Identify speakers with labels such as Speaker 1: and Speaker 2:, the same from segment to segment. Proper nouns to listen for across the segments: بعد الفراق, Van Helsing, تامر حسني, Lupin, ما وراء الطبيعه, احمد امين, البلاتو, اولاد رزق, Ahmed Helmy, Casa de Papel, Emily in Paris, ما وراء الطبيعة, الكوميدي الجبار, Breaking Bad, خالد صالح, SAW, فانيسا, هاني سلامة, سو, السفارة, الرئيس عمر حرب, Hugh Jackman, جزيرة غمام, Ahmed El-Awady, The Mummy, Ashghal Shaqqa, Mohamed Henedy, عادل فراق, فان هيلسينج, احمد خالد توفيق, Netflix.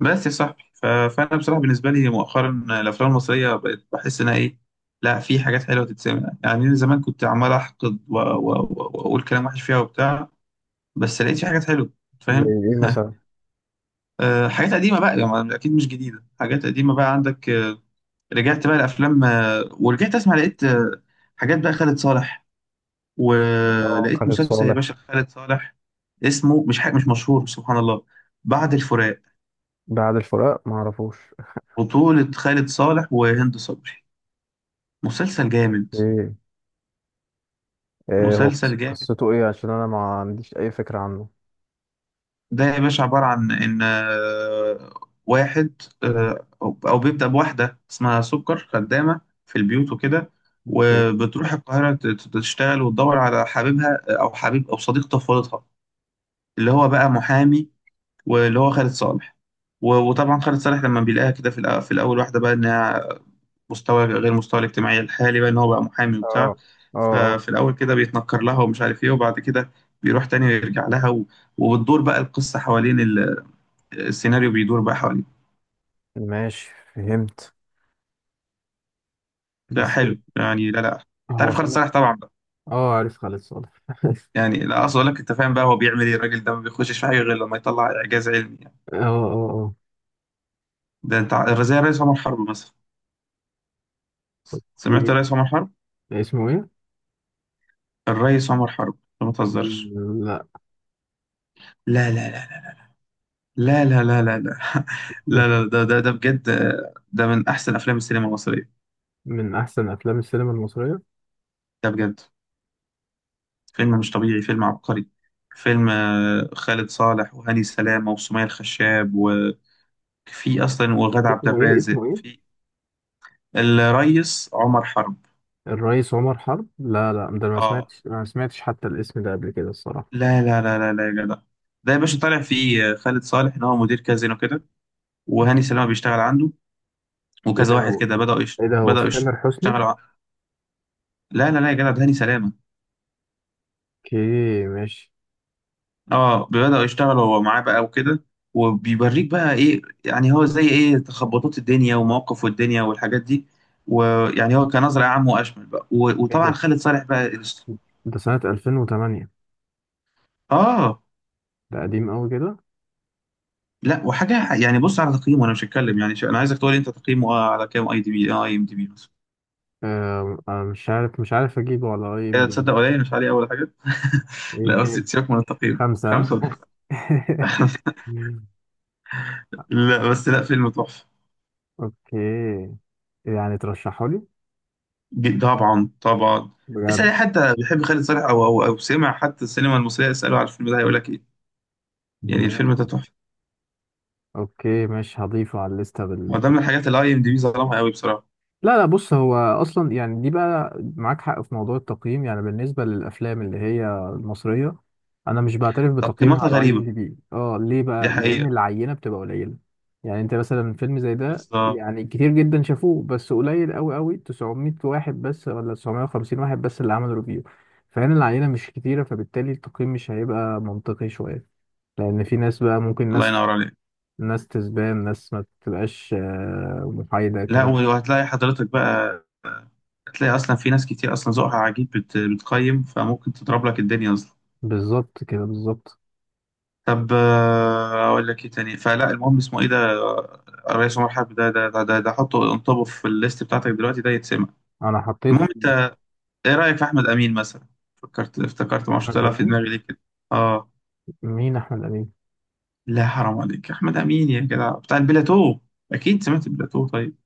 Speaker 1: بس يا صاحبي، فانا بصراحه بالنسبه لي مؤخرا الافلام المصريه بقت بحس انها ايه. لا، في حاجات حلوه تتسمع، يعني من زمان كنت عمال احقد واقول كلام وحش فيها وبتاع. بس لقيت في حاجات حلوه،
Speaker 2: زي
Speaker 1: فاهم؟
Speaker 2: ايه مثلا؟
Speaker 1: حاجات قديمه بقى يعني اكيد مش جديده، حاجات قديمه بقى عندك. رجعت بقى الافلام، ورجعت اسمع، لقيت حاجات، بقى خالد صالح.
Speaker 2: اه،
Speaker 1: ولقيت
Speaker 2: خالد
Speaker 1: مسلسل، يا
Speaker 2: صالح.
Speaker 1: باشا، خالد صالح، اسمه مش حاجة مش مشهور، سبحان الله، بعد الفراق.
Speaker 2: ده عادل فراق ما اعرفوش.
Speaker 1: بطولة خالد صالح وهند صبري. مسلسل جامد،
Speaker 2: ايه؟ إيه هو
Speaker 1: مسلسل
Speaker 2: قص-
Speaker 1: جامد.
Speaker 2: قصته ايه عشان انا ما عنديش اي فكرة عنه؟
Speaker 1: ده يا باشا عبارة عن إن واحد، أو بيبدأ بواحدة اسمها سكر، خدامة في البيوت وكده،
Speaker 2: اوكي.
Speaker 1: وبتروح القاهرة تشتغل وتدور على حبيبها، أو حبيب أو صديق طفولتها، اللي هو بقى محامي، واللي هو خالد صالح. وطبعا خالد صالح لما بيلاقيها كده في الأول، واحدة بقى إنها مستوى غير مستوى الاجتماعي الحالي، بقى ان هو بقى محامي
Speaker 2: اه
Speaker 1: وبتاع.
Speaker 2: اه اه،
Speaker 1: ففي الاول كده بيتنكر لها ومش عارف ايه، وبعد كده بيروح تاني ويرجع لها، وبتدور بقى القصه حوالين السيناريو بيدور بقى حوالين.
Speaker 2: ماشي فهمت.
Speaker 1: لا
Speaker 2: بس
Speaker 1: حلو يعني. لا، لا، انت
Speaker 2: هو
Speaker 1: عارف خالد
Speaker 2: صالح.
Speaker 1: صالح طبعا بقى.
Speaker 2: اه، عارف خالد صالح.
Speaker 1: يعني لا، اقصد اقول لك، انت فاهم بقى هو بيعمل ايه الراجل ده؟ ما بيخشش في حاجه غير لما يطلع اعجاز علمي، يعني.
Speaker 2: اه اه اه.
Speaker 1: ده انت زي الرئيس عمر حرب مثلا. سمعت
Speaker 2: إيه
Speaker 1: الرئيس عمر حرب؟
Speaker 2: اسمه ايه؟
Speaker 1: الرئيس عمر حرب، ما تهزرش.
Speaker 2: لا،
Speaker 1: لا، لا، لا، لا، لا، لا، لا، لا، لا، لا، ده بجد، ده من أحسن أفلام السينما المصرية.
Speaker 2: من احسن افلام السينما المصرية.
Speaker 1: ده بجد، فيلم مش طبيعي، فيلم عبقري، فيلم خالد صالح وهاني سلامة وسمية الخشاب، وفي أصلا وغادة عبد
Speaker 2: اسمه ايه؟
Speaker 1: الرازق،
Speaker 2: اسمه ايه؟
Speaker 1: في. الريس عمر حرب.
Speaker 2: الرئيس عمر حرب. لا لا، ده أنا ما
Speaker 1: اه،
Speaker 2: سمعتش ما سمعتش حتى الاسم ده قبل كده الصراحة.
Speaker 1: لا، لا، لا، لا، لا، يا جدع. ده يا باشا طالع فيه، خالد صالح إن هو مدير كازينو كده، وهاني سلامة بيشتغل عنده،
Speaker 2: ايه
Speaker 1: وكذا
Speaker 2: ده
Speaker 1: واحد
Speaker 2: هو؟
Speaker 1: كده
Speaker 2: ايه ده، هو
Speaker 1: بدأوا
Speaker 2: في تامر حسني؟
Speaker 1: يشتغلوا لا، لا، لا، يا جدع، ده هاني سلامة.
Speaker 2: اوكي ماشي.
Speaker 1: اه، بدأوا يشتغلوا هو معاه بقى وكده، وبيوريك بقى ايه يعني، هو زي ايه تخبطات الدنيا ومواقف الدنيا والحاجات دي، ويعني هو كنظرة عام واشمل بقى.
Speaker 2: ايه
Speaker 1: وطبعا
Speaker 2: ده؟
Speaker 1: خالد صالح بقى
Speaker 2: ده سنة 2008؟
Speaker 1: اه،
Speaker 2: ده قديم قوي كده.
Speaker 1: لا وحاجة يعني. بص على تقييمه، انا مش هتكلم، يعني انا عايزك تقول لي انت تقييمه على كام، اي ام دي بي مثلا.
Speaker 2: مش عارف، مش عارف اجيبه على اي ام
Speaker 1: كده
Speaker 2: دي بي.
Speaker 1: تصدق؟ قليل مش عليه اول حاجة.
Speaker 2: ايه
Speaker 1: لا، بس
Speaker 2: كام؟
Speaker 1: سيبك من التقييم،
Speaker 2: خمسة؟
Speaker 1: خمسة وتسعة. لا بس، لا، فيلم تحفة.
Speaker 2: اوكي. يعني ترشحه لي؟
Speaker 1: طبعا طبعا. اسأل
Speaker 2: بجد؟
Speaker 1: أي حد بيحب خالد صالح أو سمع حتى السينما المصرية، اسأله على الفيلم ده، هيقول لك إيه. يعني
Speaker 2: ماشي.
Speaker 1: الفيلم ده تحفة.
Speaker 2: اوكي ماشي، هضيفه على الليستة.
Speaker 1: هو ده من الحاجات اللي أي إم دي بي ظلمها قوي بصراحة.
Speaker 2: لا لا، بص، هو اصلا يعني دي بقى معاك حق في موضوع التقييم، يعني بالنسبه للافلام اللي هي المصريه. انا مش بعترف بتقييمها
Speaker 1: تقييماتها
Speaker 2: على اي
Speaker 1: غريبة،
Speaker 2: ام دي بي. اه، ليه
Speaker 1: دي
Speaker 2: بقى؟ لان
Speaker 1: حقيقة.
Speaker 2: العينه بتبقى قليله. يعني انت مثلا فيلم زي ده
Speaker 1: بالظبط.
Speaker 2: يعني كتير جدا شافوه، بس قليل قوي قوي، 900 واحد بس ولا 950 واحد بس اللي عمل ريفيو. فهنا العينه مش كتيره، فبالتالي التقييم مش هيبقى منطقي شويه. لان في ناس بقى، ممكن
Speaker 1: الله
Speaker 2: ناس،
Speaker 1: ينور عليك.
Speaker 2: ناس تسبان ناس ما بتبقاش محايده،
Speaker 1: لا،
Speaker 2: كلام.
Speaker 1: وهتلاقي حضرتك بقى، هتلاقي اصلا في ناس كتير اصلا ذوقها عجيب، بتقيم، فممكن تضرب لك الدنيا اصلا.
Speaker 2: بالظبط كده بالظبط.
Speaker 1: طب، اقول لك ايه تاني، فلا، المهم اسمه ايه ده؟ الرئيس عمر حرب. ده حطه، انطبه في الليست بتاعتك دلوقتي، ده يتسمع.
Speaker 2: انا حطيت
Speaker 1: المهم.
Speaker 2: في...
Speaker 1: ايه رأيك في احمد امين مثلا؟ افتكرت ما
Speaker 2: احمد
Speaker 1: طلع في
Speaker 2: امين؟
Speaker 1: دماغي ليه كده. اه،
Speaker 2: مين احمد امين؟
Speaker 1: لا، حرام عليك، احمد امين يا جدع، بتاع البلاتو. اكيد سمعت البلاتو، طيب؟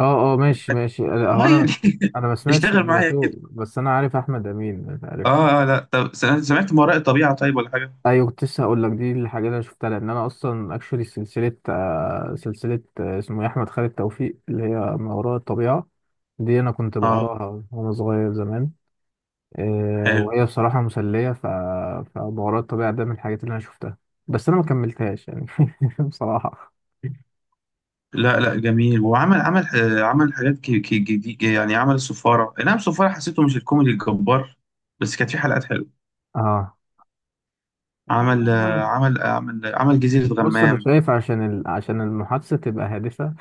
Speaker 2: اه اه ماشي ماشي، لا،
Speaker 1: اه،
Speaker 2: هو انا...
Speaker 1: يعني
Speaker 2: انا ما سمعتش
Speaker 1: اشتغل معايا
Speaker 2: البلاتو،
Speaker 1: كده.
Speaker 2: بس انا عارف احمد امين، عرفت.
Speaker 1: اه، لا، طب، سمعت ما وراء الطبيعة طيب، ولا حاجة؟
Speaker 2: ايوه، كنت لسه هقول لك دي الحاجه اللي انا شفتها، لان انا اصلا اكشولي سلسله، سلسله، اسمه إيه، احمد خالد توفيق، اللي هي ما وراء الطبيعه. دي انا كنت
Speaker 1: اه،
Speaker 2: بقراها وانا صغير زمان،
Speaker 1: حلو.
Speaker 2: وهي بصراحه مسليه، ف... فما وراء الطبيعه ده من الحاجات اللي انا شفتها، بس انا ما كملتهاش يعني. بصراحه.
Speaker 1: لا، لا، جميل. وعمل عمل حاجات جديد، يعني عمل السفارة، اي نعم السفارة حسيته مش الكوميدي الجبار، بس كانت في حلقات حلوة.
Speaker 2: اه،
Speaker 1: عمل جزيرة
Speaker 2: بص، انا
Speaker 1: غمام.
Speaker 2: شايف عشان ال... عشان المحادثه تبقى هادفه،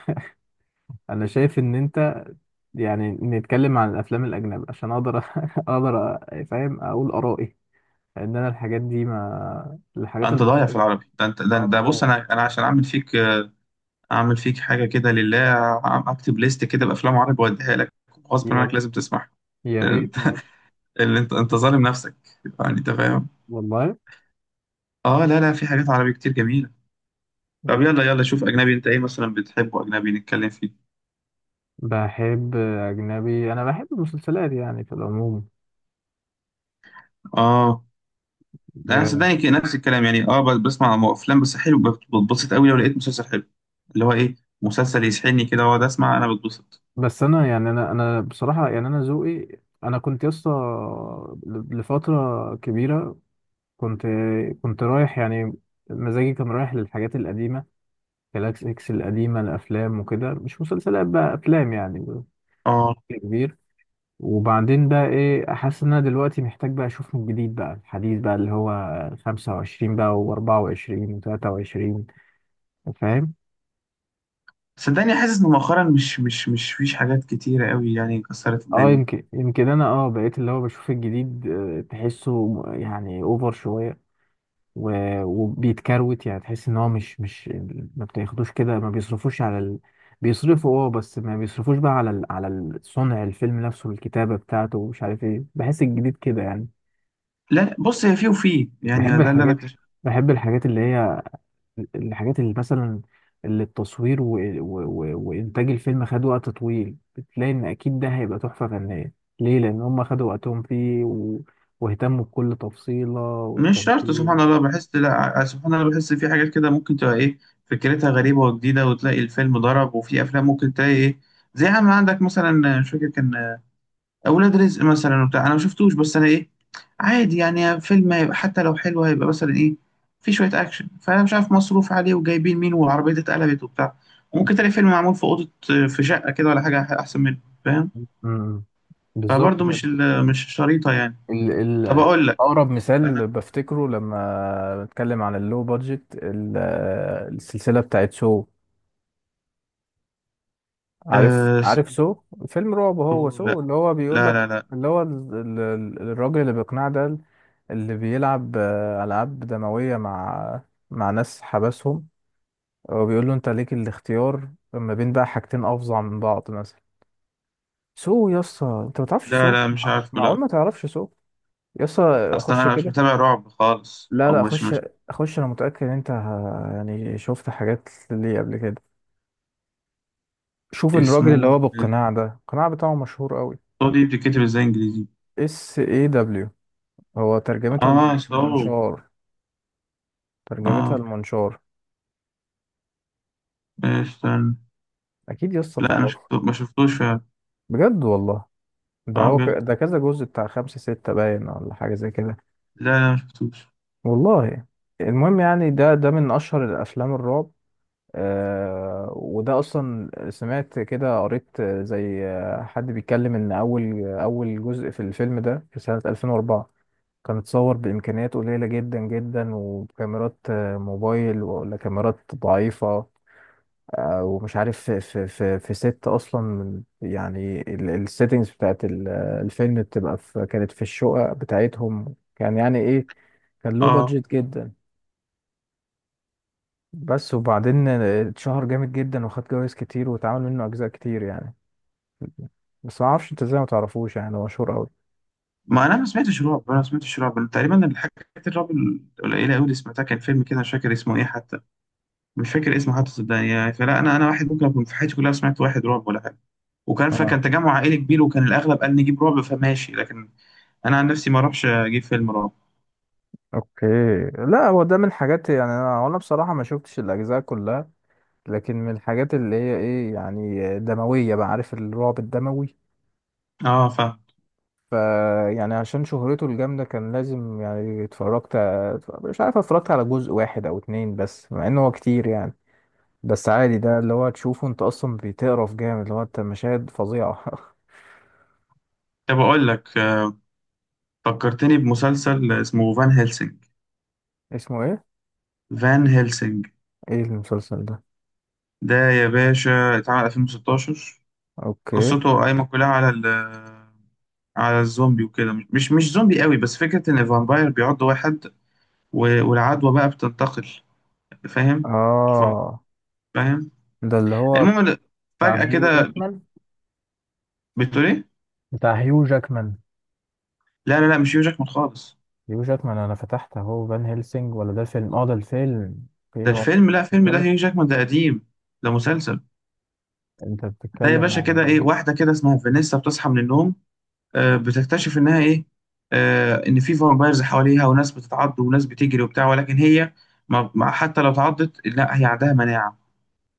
Speaker 2: انا شايف ان انت... يعني نتكلم عن الافلام الاجنبي عشان اقدر اقدر فاهم، اقول ارائي، لان انا الحاجات دي... ما الحاجات
Speaker 1: انت ضايع في
Speaker 2: المصريه.
Speaker 1: العربي ده، انت.
Speaker 2: اه
Speaker 1: ده بص،
Speaker 2: والله.
Speaker 1: انا عشان اعمل فيك، اعمل فيك حاجه كده لله. اكتب ليست كده بافلام عربي واديها لك، غصب
Speaker 2: يا
Speaker 1: عنك
Speaker 2: ريت.
Speaker 1: لازم تسمعها.
Speaker 2: يا
Speaker 1: لأن انت،
Speaker 2: ريت، ماشي.
Speaker 1: اللي انت ظالم نفسك، يعني انت فاهم.
Speaker 2: والله.
Speaker 1: اه، لا، لا، في حاجات عربي كتير جميله. طب، يلا يلا، شوف اجنبي، انت ايه مثلا بتحبه اجنبي نتكلم فيه.
Speaker 2: بحب اجنبي. انا بحب المسلسلات يعني في العموم.
Speaker 1: اه، ده انا
Speaker 2: آه،
Speaker 1: صدقني كده نفس الكلام، يعني اه، بسمع افلام، بس حلو بتبسط قوي لو لقيت مسلسل حلو، اللي هو ايه، مسلسل يسحلني كده واقعد اسمع، انا بتبسط.
Speaker 2: بس انا يعني انا بصراحه يعني انا ذوقي. انا كنت يسطا لفتره كبيره، كنت... كنت رايح يعني مزاجي كان رايح للحاجات القديمة، جالاكس اكس القديمة الأفلام، وكده مش مسلسلات بقى، أفلام يعني بشكل
Speaker 1: اه،
Speaker 2: كبير. وبعدين بقى إيه، أحس إن أنا دلوقتي محتاج بقى أشوف من جديد بقى الحديث بقى، اللي هو خمسة وعشرين بقى وأربعة وعشرين وتلاتة وعشرين. فاهم؟
Speaker 1: صدقني حاسس ان مؤخرا مش فيش حاجات كتيره قوي يعني كسرت
Speaker 2: اه،
Speaker 1: الدنيا.
Speaker 2: يمكن يمكن أنا اه بقيت اللي هو بشوف الجديد، تحسه يعني أوفر شوية، وبيتكروت، يعني تحس ان هو مش ما بتاخدوش كده، ما بيصرفوش على ال... بيصرفوا، اه، بس ما بيصرفوش بقى على ال... على صنع الفيلم نفسه، الكتابة بتاعته ومش عارف ايه، بحس الجديد كده يعني.
Speaker 1: لا، بص هي فيه وفيه يعني،
Speaker 2: بحب
Speaker 1: ده اللي انا
Speaker 2: الحاجات.
Speaker 1: اكتشفته.
Speaker 2: بحب الحاجات اللي هي الحاجات اللي مثلا اللي التصوير و... و... و... وإنتاج الفيلم خد وقت طويل، بتلاقي ان اكيد ده هيبقى تحفة فنية. ليه؟ لان هم خدوا وقتهم فيه و... واهتموا بكل تفصيلة
Speaker 1: مش شرط، سبحان
Speaker 2: والتمثيل.
Speaker 1: الله، بحس لا، سبحان الله، بحس في حاجات كده ممكن تبقى ايه، فكرتها غريبة وجديدة، وتلاقي الفيلم ضرب. وفي افلام ممكن تلاقي ايه، زي عم عندك مثلا. مش فاكر كان اولاد رزق مثلا وبتاع، انا ما شفتوش، بس انا ايه، عادي يعني. فيلم هيبقى حتى لو حلو، هيبقى مثلا ايه، في شوية اكشن، فانا مش عارف مصروف عليه وجايبين مين والعربية دي اتقلبت وبتاع. ممكن تلاقي فيلم معمول في اوضة، في شقة كده ولا حاجة، احسن منه، فاهم؟
Speaker 2: امم بالظبط
Speaker 1: فبرضه
Speaker 2: كده.
Speaker 1: مش مش شريطة، يعني.
Speaker 2: ال
Speaker 1: طب
Speaker 2: ال
Speaker 1: اقول لك،
Speaker 2: أقرب مثال بفتكره لما بتكلم عن اللو بادجت، السلسلة بتاعت سو. عارف؟
Speaker 1: أه.
Speaker 2: عارف سو؟ فيلم رعب هو
Speaker 1: لا،
Speaker 2: سو، اللي هو بيقول
Speaker 1: لا،
Speaker 2: لك،
Speaker 1: لا، لا،
Speaker 2: اللي هو الراجل اللي بيقنع ده، اللي بيلعب ألعاب دموية مع... مع ناس حبسهم، وبيقول له أنت ليك الاختيار ما بين بقى حاجتين أفظع من بعض مثلا. سو. يسا، أنت ما تعرفش
Speaker 1: لا،
Speaker 2: سو؟
Speaker 1: لا، مش عارفه،
Speaker 2: معقول
Speaker 1: لا.
Speaker 2: ما تعرفش سو؟ يسا،
Speaker 1: اصلا
Speaker 2: خش
Speaker 1: انا مش
Speaker 2: كده.
Speaker 1: متابع رعب خالص،
Speaker 2: لا
Speaker 1: او
Speaker 2: لا،
Speaker 1: مش
Speaker 2: خش.
Speaker 1: مش
Speaker 2: خش، انا متأكد ان انت يعني شفت حاجات ليه قبل كده. شوف الراجل
Speaker 1: اسمه
Speaker 2: اللي هو بالقناع ده، القناع بتاعه مشهور قوي.
Speaker 1: سو، دي بتتكتب ازاي انجليزي؟
Speaker 2: اس اي دبليو. هو ترجمتها
Speaker 1: اه، سو.
Speaker 2: المنشار. ترجمتها
Speaker 1: اه،
Speaker 2: المنشار.
Speaker 1: استنى.
Speaker 2: اكيد يسطا
Speaker 1: لا، انا
Speaker 2: تعرفه.
Speaker 1: ما شفتوش فعلا.
Speaker 2: بجد والله. ده
Speaker 1: اه،
Speaker 2: هو ك...
Speaker 1: بجد.
Speaker 2: ده كذا جزء بتاع خمسة ستة باين، ولا حاجة زي كده.
Speaker 1: لا، لا، ما شفتوش.
Speaker 2: والله. المهم يعني ده ده من اشهر الافلام الرعب. وده اصلا سمعت كده، قريت، زي حد بيتكلم ان اول جزء في الفيلم ده في سنة 2004 كان اتصور بامكانيات قليلة جدا جدا، وكاميرات موبايل ولا كاميرات ضعيفة، ومش عارف في ست اصلا يعني السيتنجز بتاعت الفيلم بتبقى في... كانت في الشقق بتاعتهم، كان يعني ايه، كان له
Speaker 1: اه،
Speaker 2: بادجت جدا. بس وبعدين اتشهر جامد جدا وخد جوايز كتير واتعمل منه اجزاء كتير يعني. بس ما اعرفش انت ازاي ما تعرفوش، يعني هو مشهور قوي.
Speaker 1: ما، انا ما سمعتش رعب، أنا تقريبا الحاجات الرعب القليله قوي اللي سمعتها، كان فيلم كده مش فاكر اسمه ايه حتى، مش فاكر اسمه حتى، صدقني. يعني فلا، انا واحد ممكن اكون في حياتي كلها سمعت واحد رعب ولا حاجه، وكان
Speaker 2: اه.
Speaker 1: فكان تجمع عائلي كبير، وكان الاغلب قال نجيب رعب، فماشي، لكن انا عن نفسي ما اروحش اجيب فيلم رعب.
Speaker 2: اوكي. لا هو ده من الحاجات، يعني انا وانا بصراحه ما شفتش الاجزاء كلها، لكن من الحاجات اللي هي ايه، يعني دمويه بقى، عارف الرعب الدموي.
Speaker 1: اه،
Speaker 2: ف... يعني عشان شهرته الجامده كان لازم يعني اتفرجت. مش عارف، اتفرجت على جزء واحد او اتنين بس، مع انه هو كتير يعني. بس عادي، ده اللي هو تشوفه انت اصلا بتقرف جامد، اللي هو انت مشاهد فظيعه.
Speaker 1: طب اقول لك، فكرتني بمسلسل اسمه فان هيلسينج.
Speaker 2: اسمه ايه؟
Speaker 1: فان هيلسينج
Speaker 2: ايه المسلسل ده؟
Speaker 1: ده يا باشا اتعمل 2016.
Speaker 2: اوكي.
Speaker 1: قصته قايمه كلها على الزومبي وكده، مش زومبي قوي بس فكره ان الفامباير بيعض واحد، والعدوى بقى بتنتقل. فاهم؟
Speaker 2: اه
Speaker 1: فاهم؟
Speaker 2: ده اللي هو
Speaker 1: المهم
Speaker 2: بتاع
Speaker 1: فجأة
Speaker 2: هيو
Speaker 1: كده،
Speaker 2: جاكمان؟
Speaker 1: بتقول ايه؟
Speaker 2: بتاع هيو جاكمان؟
Speaker 1: لا، لا، لا، مش هيو جاكمان خالص.
Speaker 2: هيو جاكمان. انا فتحت اهو فان هيلسينج. ولا ده الفيلم؟ اه، ده الفيلم.
Speaker 1: ده
Speaker 2: اوكي هو انت...
Speaker 1: الفيلم، لا، فيلم ده
Speaker 2: بتتكلم...
Speaker 1: هيو جاكمان، ده قديم. ده مسلسل.
Speaker 2: انت
Speaker 1: لا يا
Speaker 2: بتتكلم
Speaker 1: باشا.
Speaker 2: على
Speaker 1: كده ايه،
Speaker 2: فان؟
Speaker 1: واحدة كده اسمها فانيسا بتصحى من النوم، بتكتشف انها ايه، ان في فامبايرز حواليها، وناس بتتعض وناس بتجري وبتاع، ولكن هي، حتى لو اتعضت لا، هي عندها مناعة،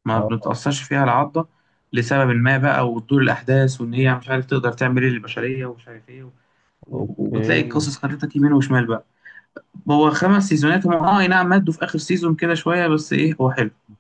Speaker 1: ما
Speaker 2: اه
Speaker 1: بتتأثرش فيها العضة لسبب ما بقى، وتدور الأحداث، وإن هي مش عارف تقدر تعمل إيه للبشرية ومش عارف إيه، وبتلاقي
Speaker 2: اوكي.
Speaker 1: القصص خدتك يمين وشمال بقى. هو 5 سيزونات هم. أي نعم، مدّوا في آخر سيزون كده شوية، بس إيه، هو حلو.